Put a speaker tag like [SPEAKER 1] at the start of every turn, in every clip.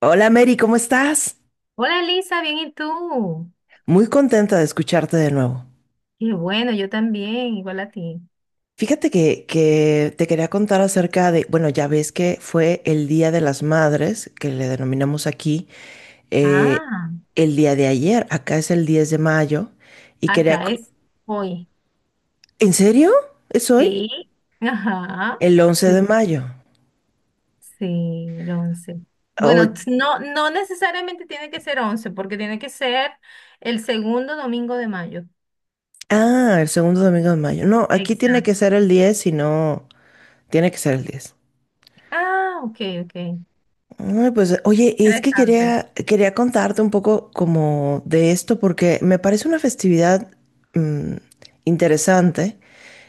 [SPEAKER 1] Hola Mary, ¿cómo estás?
[SPEAKER 2] Hola Elisa, bien, ¿y tú?
[SPEAKER 1] Muy contenta de escucharte de nuevo.
[SPEAKER 2] Qué bueno, yo también, igual a ti.
[SPEAKER 1] Fíjate que te quería contar acerca de, bueno, ya ves que fue el Día de las Madres, que le denominamos aquí, eh,
[SPEAKER 2] Ah,
[SPEAKER 1] el día de ayer. Acá es el 10 de mayo y quería
[SPEAKER 2] acá es hoy.
[SPEAKER 1] ¿En serio? ¿Es hoy?
[SPEAKER 2] Sí, ajá,
[SPEAKER 1] El 11
[SPEAKER 2] sí,
[SPEAKER 1] de mayo.
[SPEAKER 2] sí, el 11. Bueno,
[SPEAKER 1] Hoy-
[SPEAKER 2] no, no necesariamente tiene que ser 11, porque tiene que ser el segundo domingo de mayo.
[SPEAKER 1] Ah, el segundo domingo de mayo. No, aquí tiene que
[SPEAKER 2] Exacto.
[SPEAKER 1] ser el 10, si no, tiene que ser el 10.
[SPEAKER 2] Ah, ok, ok.
[SPEAKER 1] Ay, pues oye, es que
[SPEAKER 2] Interesante.
[SPEAKER 1] quería contarte un poco como de esto porque me parece una festividad mm, interesante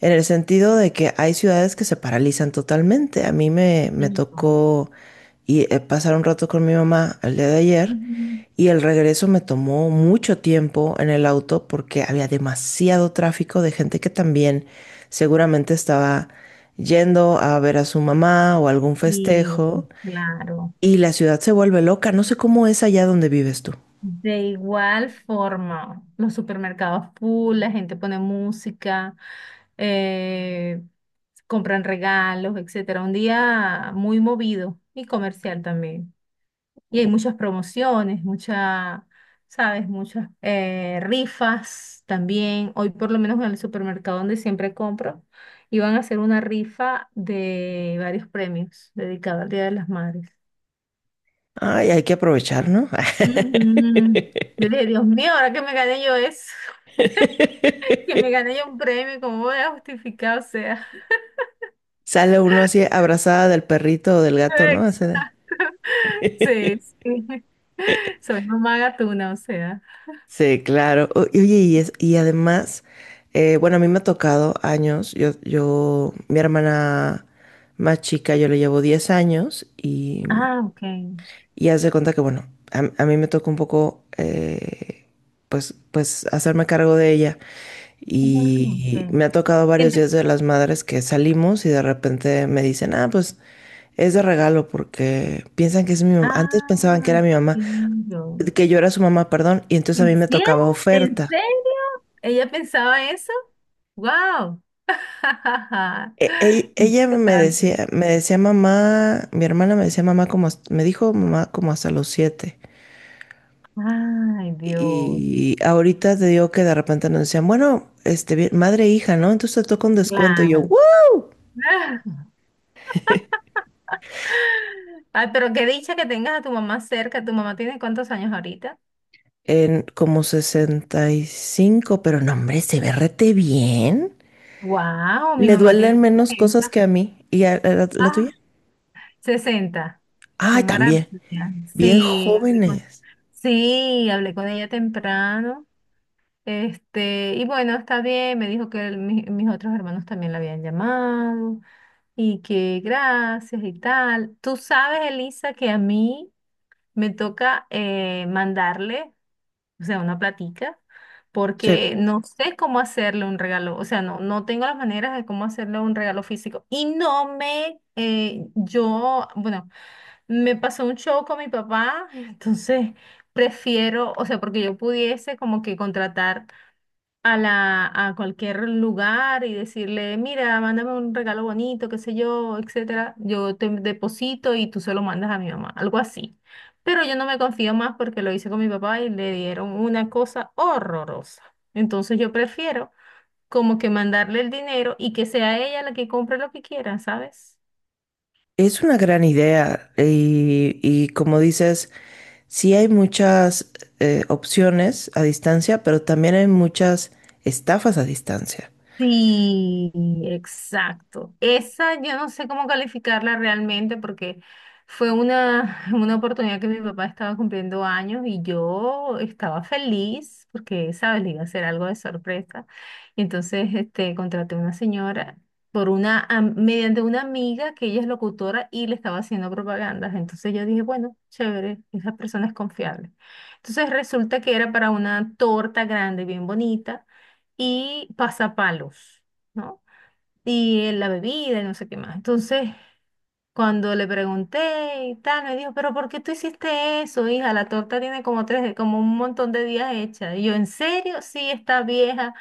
[SPEAKER 1] en el sentido de que hay ciudades que se paralizan totalmente. A mí me
[SPEAKER 2] Niño.
[SPEAKER 1] tocó y, pasar un rato con mi mamá el día de ayer,
[SPEAKER 2] Ujú.
[SPEAKER 1] y el regreso me tomó mucho tiempo en el auto porque había demasiado tráfico de gente que también seguramente estaba yendo a ver a su mamá o algún
[SPEAKER 2] Sí,
[SPEAKER 1] festejo.
[SPEAKER 2] claro.
[SPEAKER 1] Y la ciudad se vuelve loca. No sé cómo es allá donde vives tú.
[SPEAKER 2] De igual forma, los supermercados full, la gente pone música, eh, compran regalos, etcétera. Un día muy movido y comercial también. Y hay muchas promociones, muchas, ¿sabes? Muchas rifas también. Hoy por lo menos en el supermercado donde siempre compro, iban a hacer una rifa de varios premios dedicado al Día de las Madres.
[SPEAKER 1] Ay, hay que aprovechar, ¿no?
[SPEAKER 2] Ujú. Yo dije, Dios mío, ahora que me gané yo eso, que me gané yo un premio, ¿cómo voy a justificar? O sea,
[SPEAKER 1] Sale uno así abrazada del perrito o del gato, ¿no?
[SPEAKER 2] exacto. Sí, sí. Soy mamá gatuna, o sea.
[SPEAKER 1] Sí, claro. Y oye, y además, bueno, a mí me ha tocado años. Mi hermana más chica, yo le llevo 10 años. y
[SPEAKER 2] Ah, ok.
[SPEAKER 1] Y haz de cuenta que, bueno, a mí me tocó un poco, pues, hacerme cargo de ella.
[SPEAKER 2] Ah,
[SPEAKER 1] Y
[SPEAKER 2] ok.
[SPEAKER 1] me ha tocado varios
[SPEAKER 2] Ent-
[SPEAKER 1] días de las madres que salimos y de repente me dicen, ah, pues es de regalo porque piensan que es mi mamá. Antes pensaban que
[SPEAKER 2] Ah,
[SPEAKER 1] era mi mamá,
[SPEAKER 2] entiendo.
[SPEAKER 1] que yo era su mamá, perdón, y entonces a
[SPEAKER 2] ¿En
[SPEAKER 1] mí me
[SPEAKER 2] serio?
[SPEAKER 1] tocaba
[SPEAKER 2] ¿En
[SPEAKER 1] oferta.
[SPEAKER 2] serio? ¿Ella pensaba eso? ¡Wow!
[SPEAKER 1] Ella
[SPEAKER 2] Interesante.
[SPEAKER 1] me decía mamá, mi hermana me decía mamá como, me dijo mamá como hasta los 7.
[SPEAKER 2] Ay, Dios.
[SPEAKER 1] Y ahorita te digo que de repente nos decían, bueno, este, madre e hija, ¿no? Entonces te toca un descuento. Y yo,
[SPEAKER 2] Claro.
[SPEAKER 1] "¿What?".
[SPEAKER 2] Ay, pero qué dicha que tengas a tu mamá cerca. ¿Tu mamá tiene cuántos años ahorita?
[SPEAKER 1] En como 65, pero no, hombre, se ve rete bien.
[SPEAKER 2] Wow, mi
[SPEAKER 1] Le
[SPEAKER 2] mamá
[SPEAKER 1] duelen
[SPEAKER 2] tiene
[SPEAKER 1] menos cosas que
[SPEAKER 2] 60.
[SPEAKER 1] a mí. ¿Y a la tuya?
[SPEAKER 2] Ah, 60. Qué
[SPEAKER 1] Ay, también.
[SPEAKER 2] maravilla.
[SPEAKER 1] Bien
[SPEAKER 2] Sí, hablé con,
[SPEAKER 1] jóvenes.
[SPEAKER 2] sí, hablé con ella temprano. Este, y bueno, está bien. Me dijo que mis otros hermanos también la habían llamado y que gracias y tal. Tú sabes, Elisa, que a mí me toca mandarle. O sea, una platica,
[SPEAKER 1] Sí,
[SPEAKER 2] porque sí. No sé cómo hacerle un regalo, o sea, no, no tengo las maneras de cómo hacerle un regalo físico. Y no me, yo, bueno, me pasó un show con mi papá, entonces prefiero, o sea, porque yo pudiese como que contratar a la, a cualquier lugar y decirle, mira, mándame un regalo bonito, qué sé yo, etcétera, yo te deposito y tú se lo mandas a mi mamá, algo así. Pero yo no me confío más porque lo hice con mi papá y le dieron una cosa horrorosa. Entonces yo prefiero como que mandarle el dinero y que sea ella la que compre lo que quiera, ¿sabes?
[SPEAKER 1] es una gran idea. Y como dices, sí hay muchas opciones a distancia, pero también hay muchas estafas a distancia.
[SPEAKER 2] Sí, exacto. Esa yo no sé cómo calificarla realmente porque fue una, una oportunidad que mi papá estaba cumpliendo años y yo estaba feliz porque, ¿sabes? Le iba a hacer algo de sorpresa. Y entonces este, contraté a una señora por una, mediante una amiga que ella es locutora y le estaba haciendo propagandas. Entonces yo dije, bueno, chévere, esa persona es confiable. Entonces resulta que era para una torta grande, bien bonita y pasapalos, ¿no? Y la bebida y no sé qué más. Entonces, cuando le pregunté y tal, me dijo, pero ¿por qué tú hiciste eso, hija? La torta tiene como tres, como un montón de días hecha. Y yo, ¿en serio? Sí, está vieja.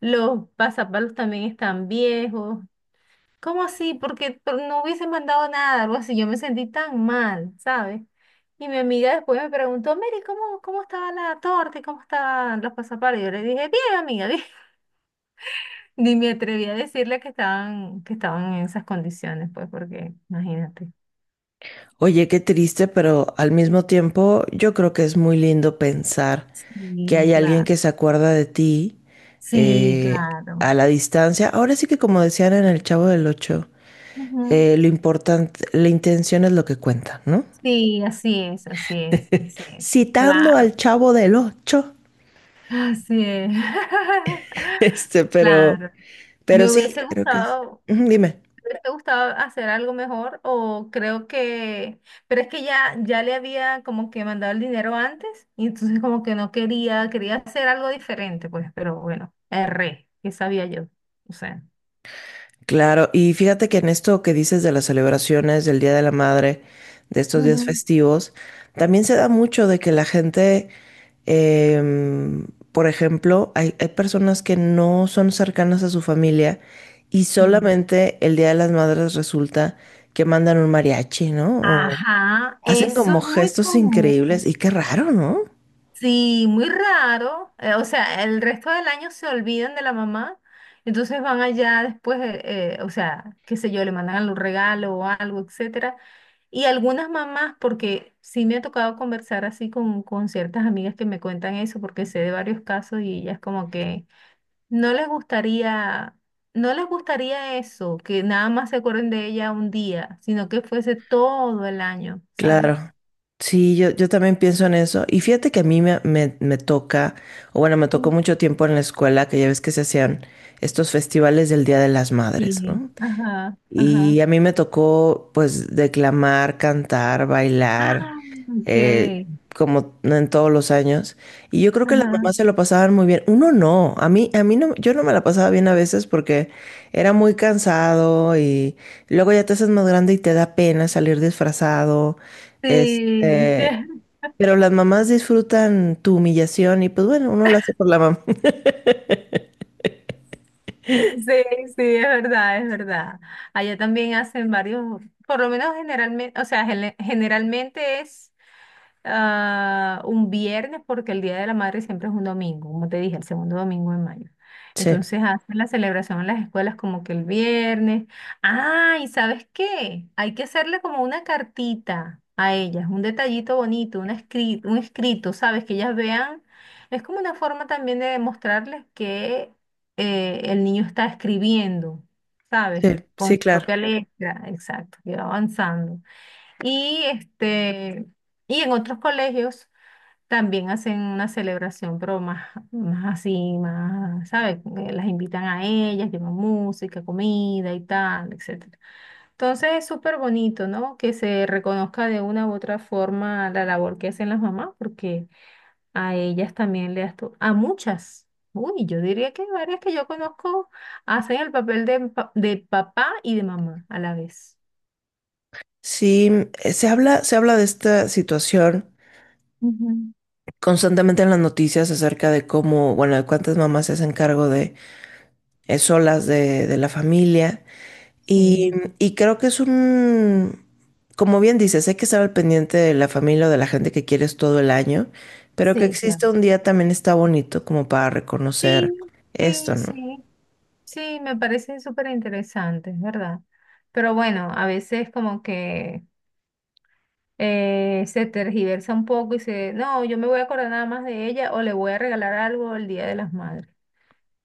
[SPEAKER 2] Los pasapalos también están viejos. ¿Cómo así? Porque no hubiese mandado nada, algo así. Yo me sentí tan mal, ¿sabes? Y mi amiga después me preguntó, Mary, ¿cómo estaba la torta y cómo estaban los pasapalos? Y yo le dije, bien, amiga, bien. Ni me atreví a decirle que estaban en esas condiciones, pues, porque imagínate.
[SPEAKER 1] Oye, qué triste, pero al mismo tiempo yo creo que es muy lindo pensar que
[SPEAKER 2] Sí,
[SPEAKER 1] hay alguien
[SPEAKER 2] claro.
[SPEAKER 1] que se acuerda de ti
[SPEAKER 2] Sí,
[SPEAKER 1] eh,
[SPEAKER 2] claro.
[SPEAKER 1] a la distancia. Ahora sí que como decían en El Chavo del Ocho,
[SPEAKER 2] Ujú.
[SPEAKER 1] lo importante, la intención es lo que cuenta, ¿no?
[SPEAKER 2] Sí, así es, así es, así es.
[SPEAKER 1] Citando al
[SPEAKER 2] Claro,
[SPEAKER 1] Chavo del Ocho.
[SPEAKER 2] así es.
[SPEAKER 1] Este, pero,
[SPEAKER 2] Claro.
[SPEAKER 1] pero
[SPEAKER 2] Me
[SPEAKER 1] sí,
[SPEAKER 2] hubiese
[SPEAKER 1] creo que es.
[SPEAKER 2] gustado,
[SPEAKER 1] Ujú, dime.
[SPEAKER 2] ¿te gustaba hacer algo mejor? O creo que, pero es que ya, ya le había como que mandado el dinero antes y entonces como que no quería, quería hacer algo diferente, pues, pero bueno, erré, que sabía yo? O sea.
[SPEAKER 1] Claro, y fíjate que en esto que dices de las celebraciones del Día de la Madre, de estos días
[SPEAKER 2] Ujú,
[SPEAKER 1] festivos, también se da mucho de que la gente, em, por ejemplo, hay personas que no son cercanas a su familia y
[SPEAKER 2] sí.
[SPEAKER 1] solamente el Día de las Madres resulta que mandan un mariachi, ¿no? O
[SPEAKER 2] Ajá,
[SPEAKER 1] hacen
[SPEAKER 2] eso
[SPEAKER 1] como
[SPEAKER 2] es muy
[SPEAKER 1] gestos increíbles y
[SPEAKER 2] común.
[SPEAKER 1] qué raro, ¿no?
[SPEAKER 2] Sí, muy raro. O sea, el resto del año se olvidan de la mamá. Entonces van allá después, o sea, qué sé yo, le mandan algún regalo o algo, etcétera. Y algunas mamás, porque sí me ha tocado conversar así con ciertas amigas que me cuentan eso, porque sé de varios casos y ellas como que no les gustaría, no les gustaría eso, que nada más se acuerden de ella un día, sino que fuese todo el año,
[SPEAKER 1] Claro,
[SPEAKER 2] ¿sabes?
[SPEAKER 1] sí, yo también pienso en eso. Y fíjate que a mí me toca, o bueno, me tocó
[SPEAKER 2] Mm,
[SPEAKER 1] mucho tiempo en la escuela, que ya ves que se hacían estos festivales del Día de las Madres,
[SPEAKER 2] sí.
[SPEAKER 1] ¿no?
[SPEAKER 2] Ajá,
[SPEAKER 1] Y
[SPEAKER 2] ajá.
[SPEAKER 1] a mí me tocó pues declamar, cantar, bailar,
[SPEAKER 2] Ah,
[SPEAKER 1] eh,
[SPEAKER 2] ok.
[SPEAKER 1] como en todos los años. Y yo creo que las
[SPEAKER 2] Ajá.
[SPEAKER 1] mamás se lo pasaban muy bien. Uno no, a mí no, yo no me la pasaba bien a veces porque era muy cansado y luego ya te haces más grande y te da pena salir disfrazado.
[SPEAKER 2] Sí, sí,
[SPEAKER 1] Este, pero las mamás disfrutan tu humillación y pues bueno, uno lo hace por la mamá.
[SPEAKER 2] sí, sí, es verdad, es verdad. Allá también hacen varios, por lo menos generalmente, o sea, generalmente es ah, un viernes, porque el Día de la Madre siempre es un domingo, como te dije, el segundo domingo de mayo.
[SPEAKER 1] Sí,
[SPEAKER 2] Entonces hacen la celebración en las escuelas como que el viernes. Ah, ¿y sabes qué? Hay que hacerle como una cartita a ellas, un detallito bonito, un escrito, ¿sabes? Que ellas vean. Es como una forma también de demostrarles que el niño está escribiendo, ¿sabes?
[SPEAKER 1] sí,
[SPEAKER 2] Con
[SPEAKER 1] sí,
[SPEAKER 2] su
[SPEAKER 1] claro.
[SPEAKER 2] propia letra, exacto, que va avanzando. Y este, y en otros colegios también hacen una celebración, pero más, más así, más, ¿sabes? Las invitan a ellas, llevan música, comida y tal, etcétera. Entonces es súper bonito, ¿no? Que se reconozca de una u otra forma la labor que hacen las mamás, porque a ellas también le das a muchas. Uy, yo diría que varias que yo conozco hacen el papel de, de papá y de mamá a la vez.
[SPEAKER 1] Sí, se habla de esta situación
[SPEAKER 2] Ujú.
[SPEAKER 1] constantemente en las noticias acerca de cómo, bueno, de cuántas mamás se hacen cargo de solas de la familia. Y,
[SPEAKER 2] Sí,
[SPEAKER 1] y creo que es un, como bien dices, hay que estar al pendiente de la familia o de la gente que quieres todo el año, pero que
[SPEAKER 2] sí, claro.
[SPEAKER 1] existe un día también está bonito como para reconocer
[SPEAKER 2] Sí, sí,
[SPEAKER 1] esto, ¿no?
[SPEAKER 2] sí, sí, me parece súper interesante, es verdad. Pero bueno, a veces como que se tergiversa un poco y se, no, yo me voy a acordar nada más de ella o le voy a regalar algo el Día de las Madres.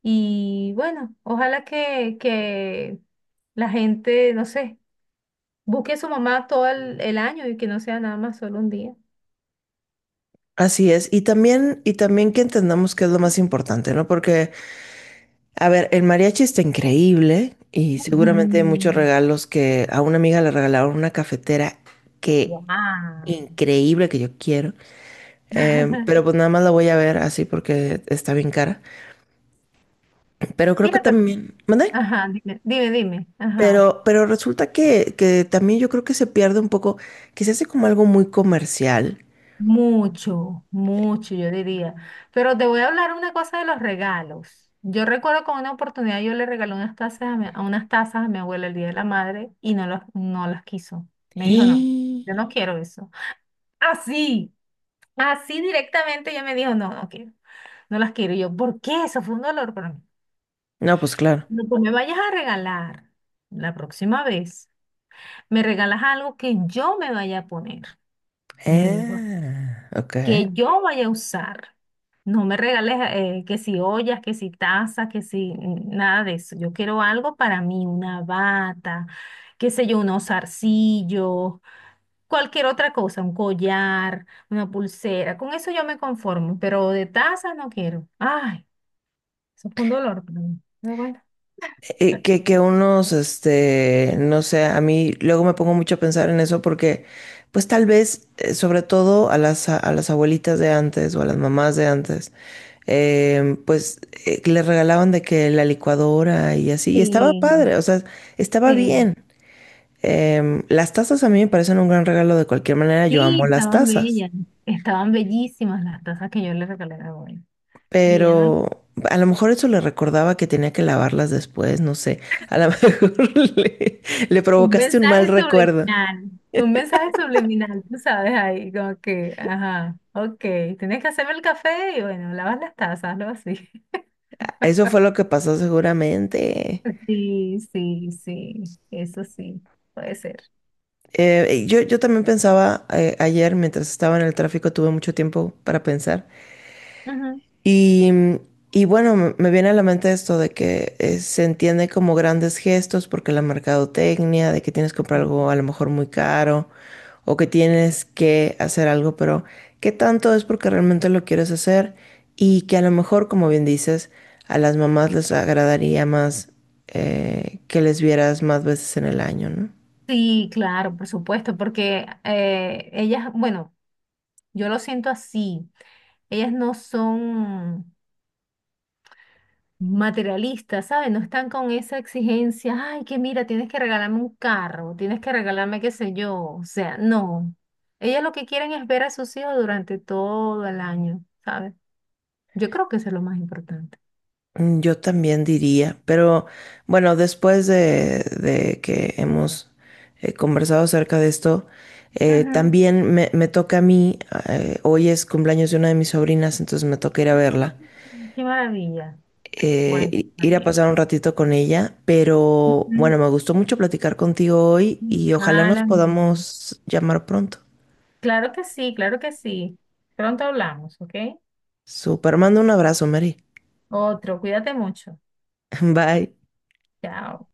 [SPEAKER 2] Y bueno, ojalá que la gente, no sé, busque a su mamá todo el año y que no sea nada más solo un día.
[SPEAKER 1] Así es, y también que entendamos que es lo más importante, ¿no? Porque a ver, el mariachi está increíble y seguramente hay muchos
[SPEAKER 2] Mm.
[SPEAKER 1] regalos que a una amiga le regalaron una cafetera que increíble, que yo quiero. Pero pues nada más la voy a ver así porque está bien cara. Pero creo que
[SPEAKER 2] Mira, pero,
[SPEAKER 1] también, ¿mande?
[SPEAKER 2] ajá, dime, dime, dime, ajá.
[SPEAKER 1] Pero resulta que también yo creo que se pierde un poco, que se hace como algo muy comercial.
[SPEAKER 2] Mucho, mucho, yo diría. Pero te voy a hablar una cosa de los regalos. Yo recuerdo con una oportunidad yo le regalé unas tazas a, mi- a unas tazas a mi abuela el Día de la Madre y no las, no las quiso. Me dijo, no, yo no quiero eso. Así, así directamente ella me dijo, no, no quiero, no las quiero. Y yo, ¿por qué? Eso fue un dolor para mí.
[SPEAKER 1] No, pues claro.
[SPEAKER 2] No, pues me vayas a regalar la próxima vez, me regalas algo que yo me vaya a poner, me dijo
[SPEAKER 1] Ah, ok.
[SPEAKER 2] que yo vaya a usar. No me regales que si ollas, que si tazas, que si mm, nada de eso. Yo quiero algo para mí, una bata, qué sé yo, unos zarcillos, cualquier otra cosa, un collar, una pulsera. Con eso yo me conformo, pero de tazas no quiero. Ay, eso fue un dolor para mí. Pero bueno.
[SPEAKER 1] Que unos, este, no sé, a mí luego me pongo mucho a pensar en eso porque, pues tal vez, sobre todo a las, a las abuelitas de antes o a las mamás de antes, pues les regalaban de que la licuadora y así, y estaba
[SPEAKER 2] Sí,
[SPEAKER 1] padre, o sea, estaba
[SPEAKER 2] sí,
[SPEAKER 1] bien. Las tazas a mí me parecen un gran regalo de cualquier manera, yo
[SPEAKER 2] sí,
[SPEAKER 1] amo las
[SPEAKER 2] estaban
[SPEAKER 1] tazas.
[SPEAKER 2] bellas, estaban bellísimas las tazas que yo le regalé a la abuela. Y ella no.
[SPEAKER 1] Pero a lo mejor eso le recordaba que tenía que lavarlas después, no sé. A lo mejor le, le
[SPEAKER 2] Un
[SPEAKER 1] provocaste un mal
[SPEAKER 2] mensaje
[SPEAKER 1] recuerdo.
[SPEAKER 2] subliminal, un mensaje subliminal, tú sabes, ahí como que, ajá, ok, tienes que hacerme el café y bueno, lavas las tazas, algo así.
[SPEAKER 1] Eso fue lo que pasó seguramente.
[SPEAKER 2] Sí, sí, sí, eso sí, puede ser.
[SPEAKER 1] Yo también pensaba, ayer mientras estaba en el tráfico, tuve mucho tiempo para pensar.
[SPEAKER 2] Ujú.
[SPEAKER 1] Y, y bueno, me viene a la mente esto de que se entiende como grandes gestos porque la mercadotecnia, de que tienes que comprar algo a lo mejor muy caro o que tienes que hacer algo, pero ¿qué tanto es porque realmente lo quieres hacer? Y que a lo mejor, como bien dices, a las mamás les agradaría más que les vieras más veces en el año, ¿no?
[SPEAKER 2] Sí, claro, por supuesto, porque ellas, bueno, yo lo siento así, ellas no son... materialistas, ¿sabes? No están con esa exigencia, ay, que mira, tienes que regalarme un carro, tienes que regalarme qué sé yo, o sea, no. Ellas lo que quieren es ver a sus hijos durante todo el año, ¿sabes? Yo creo que eso es lo más importante.
[SPEAKER 1] Yo también diría, pero bueno, después de que hemos conversado acerca de esto,
[SPEAKER 2] Ujú.
[SPEAKER 1] también me toca a mí, hoy es cumpleaños de una de mis sobrinas, entonces me toca ir a
[SPEAKER 2] Ah,
[SPEAKER 1] verla,
[SPEAKER 2] qué maravilla. Bueno, está
[SPEAKER 1] ir a
[SPEAKER 2] bien.
[SPEAKER 1] pasar un ratito con ella, pero bueno,
[SPEAKER 2] Ujú.
[SPEAKER 1] me gustó mucho platicar contigo hoy y ojalá
[SPEAKER 2] Ah,
[SPEAKER 1] nos
[SPEAKER 2] la mía.
[SPEAKER 1] podamos llamar pronto.
[SPEAKER 2] Claro que sí, claro que sí. Pronto hablamos, ¿ok?
[SPEAKER 1] Super, mando un abrazo, Mary.
[SPEAKER 2] Otro, cuídate mucho.
[SPEAKER 1] Bye.
[SPEAKER 2] Chao.